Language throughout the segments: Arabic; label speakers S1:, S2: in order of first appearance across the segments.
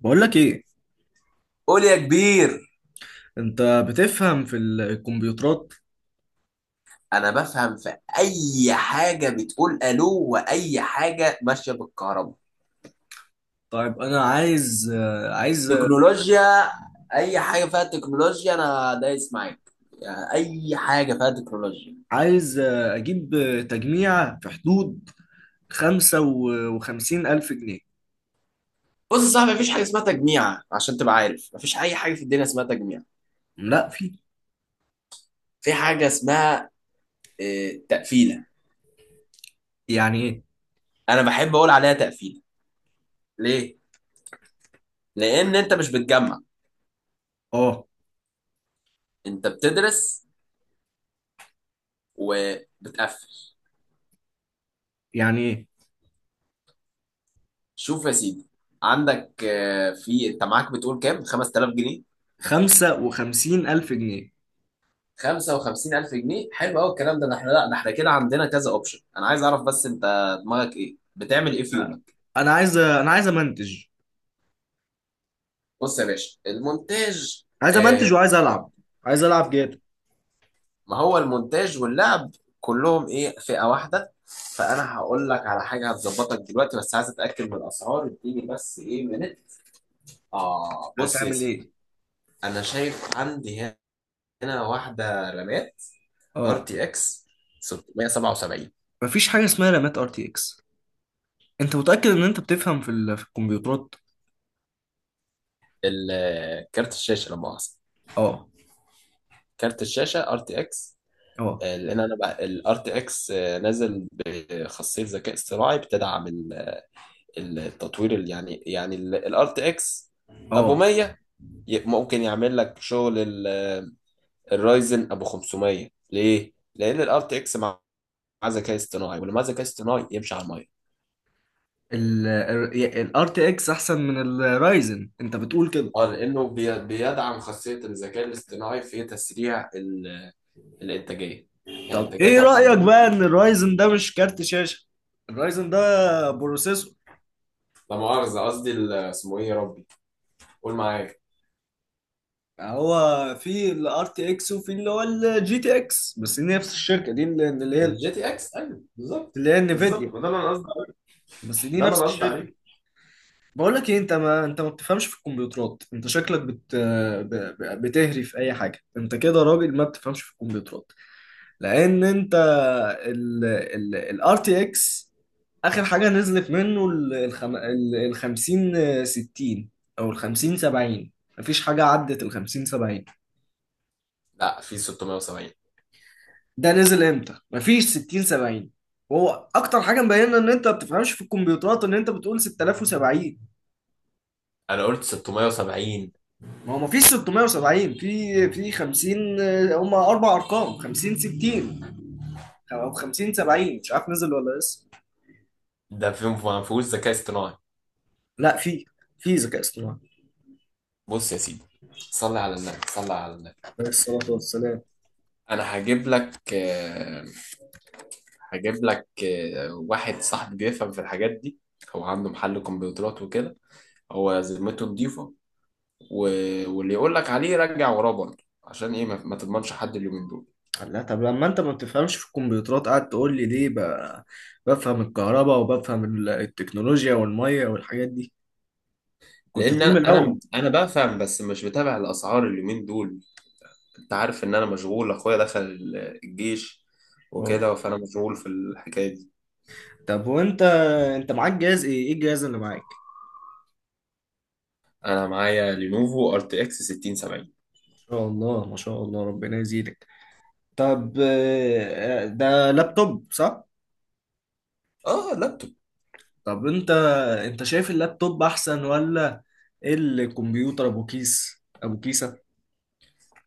S1: بقول لك ايه؟
S2: قول يا كبير.
S1: انت بتفهم في الكمبيوترات؟
S2: انا بفهم في اي حاجه بتقول الو واي حاجه ماشيه بالكهرباء.
S1: طيب انا عايز
S2: تكنولوجيا. اي حاجه فيها تكنولوجيا انا دايس معاك، يعني اي حاجه فيها تكنولوجيا.
S1: اجيب تجميع في حدود 55000 جنيه.
S2: بص يا صاحبي، مفيش حاجه اسمها تجميع، عشان تبقى عارف مفيش اي حاجه في الدنيا اسمها تجميع.
S1: لا، في.
S2: في حاجه اسمها تقفيله.
S1: يعني ايه؟
S2: انا بحب اقول عليها تقفيله. ليه؟ لان انت مش بتجمع،
S1: اه.
S2: انت بتدرس وبتقفل.
S1: يعني ايه؟
S2: شوف يا سيدي، عندك في، انت معاك بتقول كام؟ 5000 جنيه؟
S1: 55000 جنيه.
S2: 55000 جنيه؟ حلو قوي الكلام ده. ده احنا، لا، ده احنا كده عندنا كذا اوبشن. انا عايز اعرف بس انت دماغك ايه، بتعمل ايه في يومك؟
S1: انا عايز امنتج.
S2: بص يا باشا، المونتاج،
S1: عايز امنتج
S2: آه،
S1: وعايز العب. عايز العب جاتا.
S2: ما هو المونتاج واللعب كلهم ايه، فئة واحدة. فانا هقول لك على حاجة هتظبطك دلوقتي، بس عايز اتاكد من الاسعار. اديني بس ايه منت. اه، بص يا
S1: هتعمل
S2: سيدي،
S1: ايه؟
S2: انا شايف عندي هنا واحدة رامات ار
S1: اه.
S2: تي اكس 677.
S1: مفيش حاجة اسمها رامات ار تي اكس. انت متأكد ان انت بتفهم في الكمبيوترات؟
S2: كارت الشاشة لما مؤاخذة،
S1: اه،
S2: كارت الشاشة ار تي اكس.
S1: اه،
S2: لان انا بقى الار تي اكس نازل بخاصية ذكاء اصطناعي بتدعم التطوير، اللي يعني الار تي اكس ابو
S1: اه.
S2: 100 ممكن يعمل لك شغل الرايزن ابو 500. ليه؟ لان الار تي اكس مع ذكاء اصطناعي، واللي مع ذكاء اصطناعي يمشي على الميه.
S1: الار تي اكس احسن من الرايزن، انت بتقول كده؟
S2: اه، لانه بيدعم خاصيه الذكاء الاصطناعي في تسريع الانتاجيه، يعني
S1: طب
S2: الانتاجيه
S1: ايه
S2: بتاعته
S1: رأيك
S2: بتزيد.
S1: بقى ان الرايزن ده مش كارت شاشة؟ الرايزن ده بروسيسور.
S2: لا مؤاخذه، قصدي اسمه ايه يا ربي؟ قول معايا.
S1: هو في الار تي اكس وفي اللي هو الجي تي اكس، بس دي نفس الشركة دي اللي هي
S2: الجي تي اكس، ايوه بالظبط
S1: اللي هي انفيديا.
S2: بالظبط، وده اللي انا قصدي عليه.
S1: بس دي
S2: ده اللي
S1: نفس
S2: انا قصدي
S1: الشركة.
S2: عليه.
S1: بقول لك ايه، انت ما بتفهمش في الكمبيوترات. انت شكلك بتهري في اي حاجة. انت كده راجل ما بتفهمش في الكمبيوترات. لان انت ال ال الار تي اكس، اخر حاجه نزلت منه ال 50 60 او ال 50 70. مفيش حاجه عدت ال 50 70.
S2: لا، في 670.
S1: ده نزل امتى؟ مفيش 60 70. هو اكتر حاجه مبينه ان انت ما بتفهمش في الكمبيوترات ان انت بتقول 6070.
S2: انا قلت 670.
S1: ما هو مفيش 670، في 50، هما اربع ارقام، 50 60 او 50 70، مش عارف نزل ولا لسه.
S2: ده في ما فيهوش ذكاء اصطناعي.
S1: لا، في. في ذكاء اصطناعي.
S2: بص يا سيدي، صلي على النبي صلي على النبي.
S1: عليه الصلاه والسلام.
S2: انا هجيب لك، هجيب لك واحد صاحبي بيفهم في الحاجات دي. هو عنده محل كمبيوترات وكده. هو ذمته نضيفة و... واللي يقول لك عليه رجع وراه برضه. عشان ايه؟ ما تضمنش حد اليومين دول.
S1: لا، طب لما انت ما بتفهمش في الكمبيوترات قاعد تقول لي ليه؟ بفهم الكهرباء وبفهم التكنولوجيا والميه والحاجات دي، كنت
S2: لان
S1: تقول من الاول.
S2: انا بفهم، بس مش بتابع الاسعار اليومين دول. انت عارف ان انا مشغول، اخويا دخل الجيش
S1: اه.
S2: وكده، فانا مشغول في الحكاية دي.
S1: طب وانت، انت معاك جهاز ايه؟ ايه الجهاز اللي معاك؟
S2: انا معايا لينوفو ار تي اكس 6070.
S1: ما شاء الله ما شاء الله، ربنا يزيدك. طب، ده لابتوب صح؟
S2: اه لابتوب.
S1: طب انت شايف اللابتوب احسن ولا الكمبيوتر ابو كيسة؟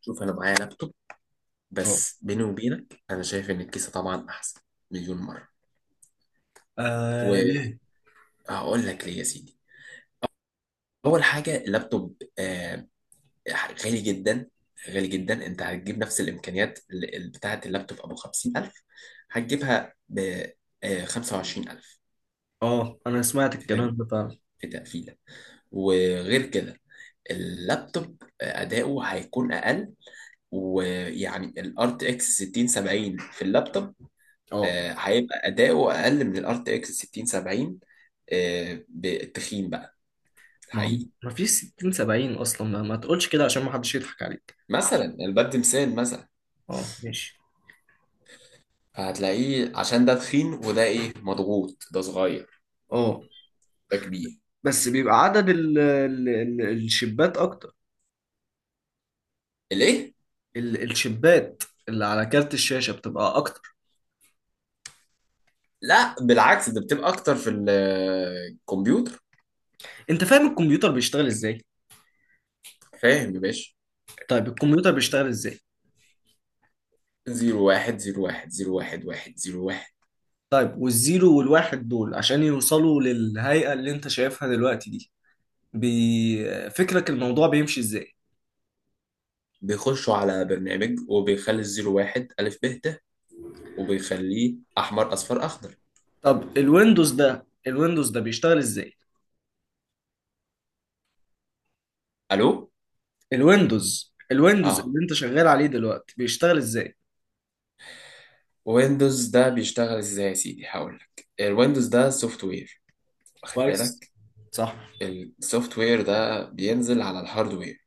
S2: شوف، انا معايا لابتوب،
S1: اه.
S2: بس بيني وبينك انا شايف ان الكيسة طبعا احسن مليون مرة.
S1: ليه؟
S2: وهقول لك ليه يا سيدي. اول حاجة، اللابتوب غالي جدا، غالي جدا. انت هتجيب نفس الامكانيات بتاعه اللابتوب ابو 50000، هتجيبها ب 25000.
S1: اه، انا سمعت
S2: في
S1: الكلام
S2: تج-
S1: ده فعلا.
S2: في تقفيله. وغير كده اللابتوب اداؤه هيكون اقل. ويعني الار تي اكس 6070 في اللابتوب
S1: اه.
S2: هيبقى اداؤه اقل من الار تي اكس 6070، بالتخين بقى
S1: ما هو
S2: الحقيقي.
S1: ما فيش 60 70 اصلا، ما تقولش كده عشان ما حدش يضحك عليك.
S2: مثلا الباب تمثال مثلا،
S1: اه، ماشي.
S2: فهتلاقيه عشان ده تخين وده ايه مضغوط. ده صغير،
S1: اه.
S2: ده كبير.
S1: بس بيبقى عدد ال ال ال الشبات اكتر.
S2: الايه؟
S1: الشبات اللي على كارت الشاشة بتبقى أكتر.
S2: لا بالعكس، ده بتبقى اكتر في الكمبيوتر.
S1: أنت فاهم الكمبيوتر بيشتغل إزاي؟
S2: فاهم يا باشا.
S1: طيب الكمبيوتر بيشتغل إزاي؟
S2: زيرو واحد زيرو واحد زيرو واحد واحد زيرو واحد.
S1: طيب والزيرو والواحد دول عشان يوصلوا للهيئة اللي أنت شايفها دلوقتي دي، فكرك الموضوع بيمشي إزاي؟
S2: بيخشوا على برنامج وبيخلي الزيرو واحد ألف ب ت، وبيخليه أحمر أصفر أخضر.
S1: طب الويندوز ده بيشتغل إزاي؟
S2: ألو؟
S1: الويندوز اللي
S2: آه.
S1: أنت شغال عليه دلوقتي بيشتغل إزاي؟
S2: ويندوز ده بيشتغل إزاي يا سيدي؟ هقول لك. الويندوز ده سوفت وير، واخد
S1: كويس.
S2: بالك؟
S1: صح.
S2: السوفت وير ده بينزل على الهاردوير،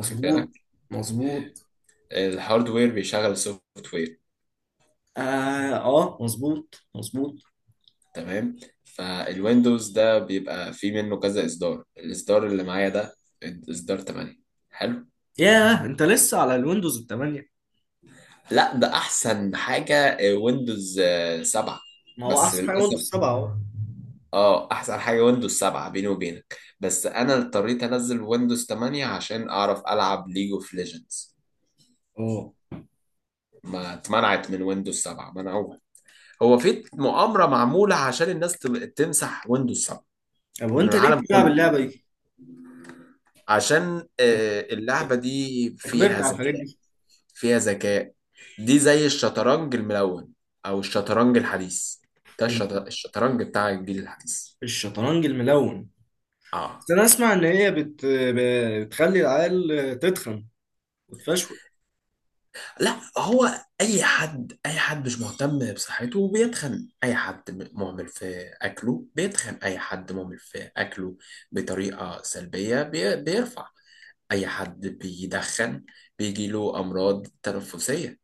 S2: واخد بالك؟
S1: مظبوط.
S2: الهاردوير بيشغل السوفت وير.
S1: اه، اه، مظبوط، مظبوط.
S2: تمام. فالويندوز ده بيبقى فيه منه كذا اصدار. الاصدار اللي معايا ده اصدار 8. حلو.
S1: ياه، انت لسه على الويندوز 8؟
S2: لا، ده احسن حاجه ويندوز 7.
S1: ما هو
S2: بس
S1: احسن حاجه ويندوز
S2: للاسف.
S1: 7 اهو.
S2: اه، احسن حاجه ويندوز 7 بيني وبينك، بس انا اضطريت انزل ويندوز 8 عشان اعرف العب ليج اوف ليجندز.
S1: اه.
S2: ما اتمنعت من ويندوز 7، منعوها. هو في مؤامره معموله عشان الناس تمسح ويندوز 7
S1: طب
S2: من
S1: وانت
S2: العالم
S1: ليه بتلعب
S2: كله.
S1: اللعبه دي؟
S2: عشان اللعبة دي
S1: أنت كبرت
S2: فيها
S1: على الحاجات
S2: ذكاء،
S1: دي.
S2: فيها ذكاء. دي زي الشطرنج الملون، او الشطرنج الحديث. ده
S1: ال-
S2: الشطرنج بتاع الجيل الحديث.
S1: الشطرنج الملون.
S2: اه،
S1: بس انا اسمع ان هي بتخلي العيال تتخن وتفشول.
S2: لا هو، اي حد مش مهتم بصحته بيتخن. اي حد مهمل في اكله بيتخن، اي حد مهمل في اكله بطريقة سلبية بيرفع. اي حد بيدخن بيجيله امراض تنفسية.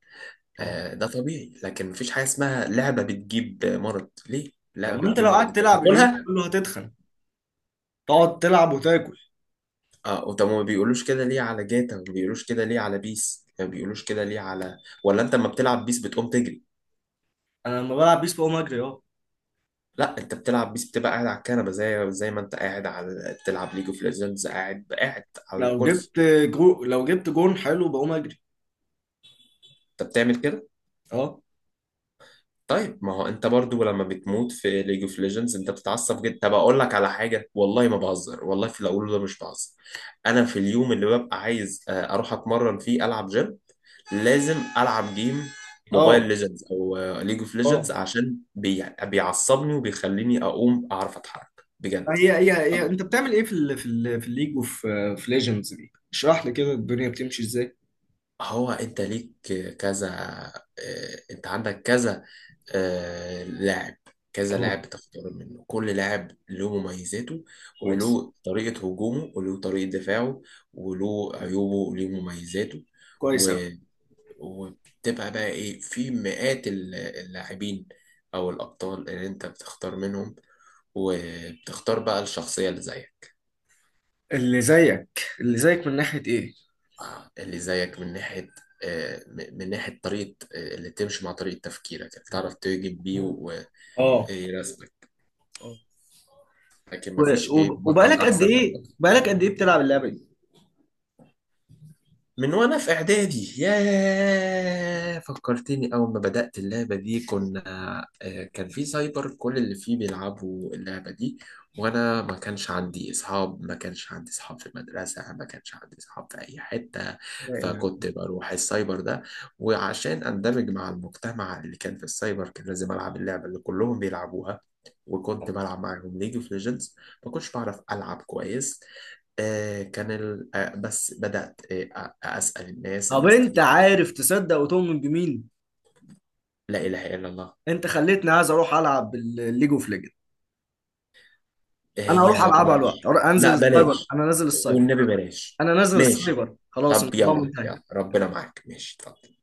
S1: اه.
S2: آه، ده طبيعي. لكن مفيش حاجة اسمها لعبة بتجيب مرض. ليه
S1: طب
S2: لعبة
S1: ما انت
S2: بتجيب
S1: لو
S2: مرض؟
S1: قعدت
S2: انت
S1: تلعب اليوم
S2: بتاكلها؟
S1: كله هتتخن، تقعد تلعب وتاكل.
S2: اه، وطب ما بيقولوش كده ليه على جاتا؟ ما بيقولوش كده ليه على بيس؟ ما بيقولوش كده ليه على، ولا انت لما بتلعب بيس بتقوم تجري؟
S1: انا لما بلعب بيس بقوم اجري اه.
S2: لا، انت بتلعب بيس بتبقى قاعد على الكنبه، زي ما انت قاعد على تلعب ليج اوف ليجندز، قاعد قاعد على
S1: لو
S2: الكرسي.
S1: جبت لو جبت جون حلو بقوم اجري.
S2: انت بتعمل كده.
S1: اه،
S2: طيب ما هو انت برضو لما بتموت في ليج اوف ليجندز انت بتتعصب جدا. طب اقول لك على حاجه، والله ما بهزر والله، في الاول، ده مش بهزر. انا في اليوم اللي ببقى عايز اروح اتمرن فيه، العب جيم، لازم العب جيم موبايل
S1: اه،
S2: ليجندز او ليج اوف ليجندز،
S1: اه.
S2: عشان بيعصبني وبيخليني اقوم اعرف اتحرك بجد.
S1: هي هي هي انت بتعمل ايه في الليج وفي ليجندز دي؟ اشرح لي كده الدنيا بتمشي ازاي.
S2: هو انت ليك كذا، انت عندك كذا لاعب. كذا
S1: اه.
S2: لاعب بتختار منه، كل لاعب له مميزاته
S1: كويس.
S2: وله طريقة هجومه وله طريقة دفاعه وله عيوبه وله مميزاته
S1: كويس
S2: و...
S1: قوي.
S2: وبتبقى بقى ايه، في مئات اللاعبين او الابطال اللي انت بتختار منهم. وبتختار بقى الشخصية اللي زيك.
S1: اللي زيك اللي زيك من ناحية ايه؟
S2: اللي زيك من ناحية من ناحية طريقة، اللي تمشي مع طريقة تفكيرك، اللي تعرف تهجم بيه
S1: اه،
S2: ويرسمك.
S1: اه.
S2: لكن
S1: و-
S2: مفيش ايه، بطل
S1: وبقالك قد
S2: احسن من
S1: ايه
S2: بطل.
S1: بقالك قد ايه بتلعب اللعبة دي؟
S2: من وانا في اعدادي. ياه، فكرتني، اول ما بدأت اللعبة دي كنا كان في سايبر كل اللي فيه بيلعبوا اللعبة دي. وانا ما كانش عندي اصحاب، ما كانش عندي اصحاب في المدرسة، ما كانش عندي اصحاب في اي حتة.
S1: لا اله.
S2: فكنت بروح السايبر ده، وعشان اندمج مع المجتمع اللي كان في السايبر كان لازم العب اللعبة اللي كلهم بيلعبوها. وكنت
S1: آه.
S2: بلعب معاهم ليج اوف ليجندز. ما كنتش بعرف العب كويس. كان ال... آه، بس بدأت أسأل الناس،
S1: طب
S2: الناس
S1: انت
S2: تيجي.
S1: عارف تصدق وتؤمن بمين؟
S2: لا إله إلا الله.
S1: انت خليتني عايز اروح العب الليج اوف ليجند. انا هروح
S2: هي
S1: العبها الوقت،
S2: بلاش،
S1: أروح انزل
S2: لا
S1: السايبر،
S2: بلاش،
S1: انا نازل السايبر.
S2: والنبي بلاش.
S1: انا نازل
S2: ماشي.
S1: السايبر، خلاص
S2: طب
S1: الموضوع
S2: يلا
S1: منتهي.
S2: يلا، ربنا معاك. ماشي، اتفضل.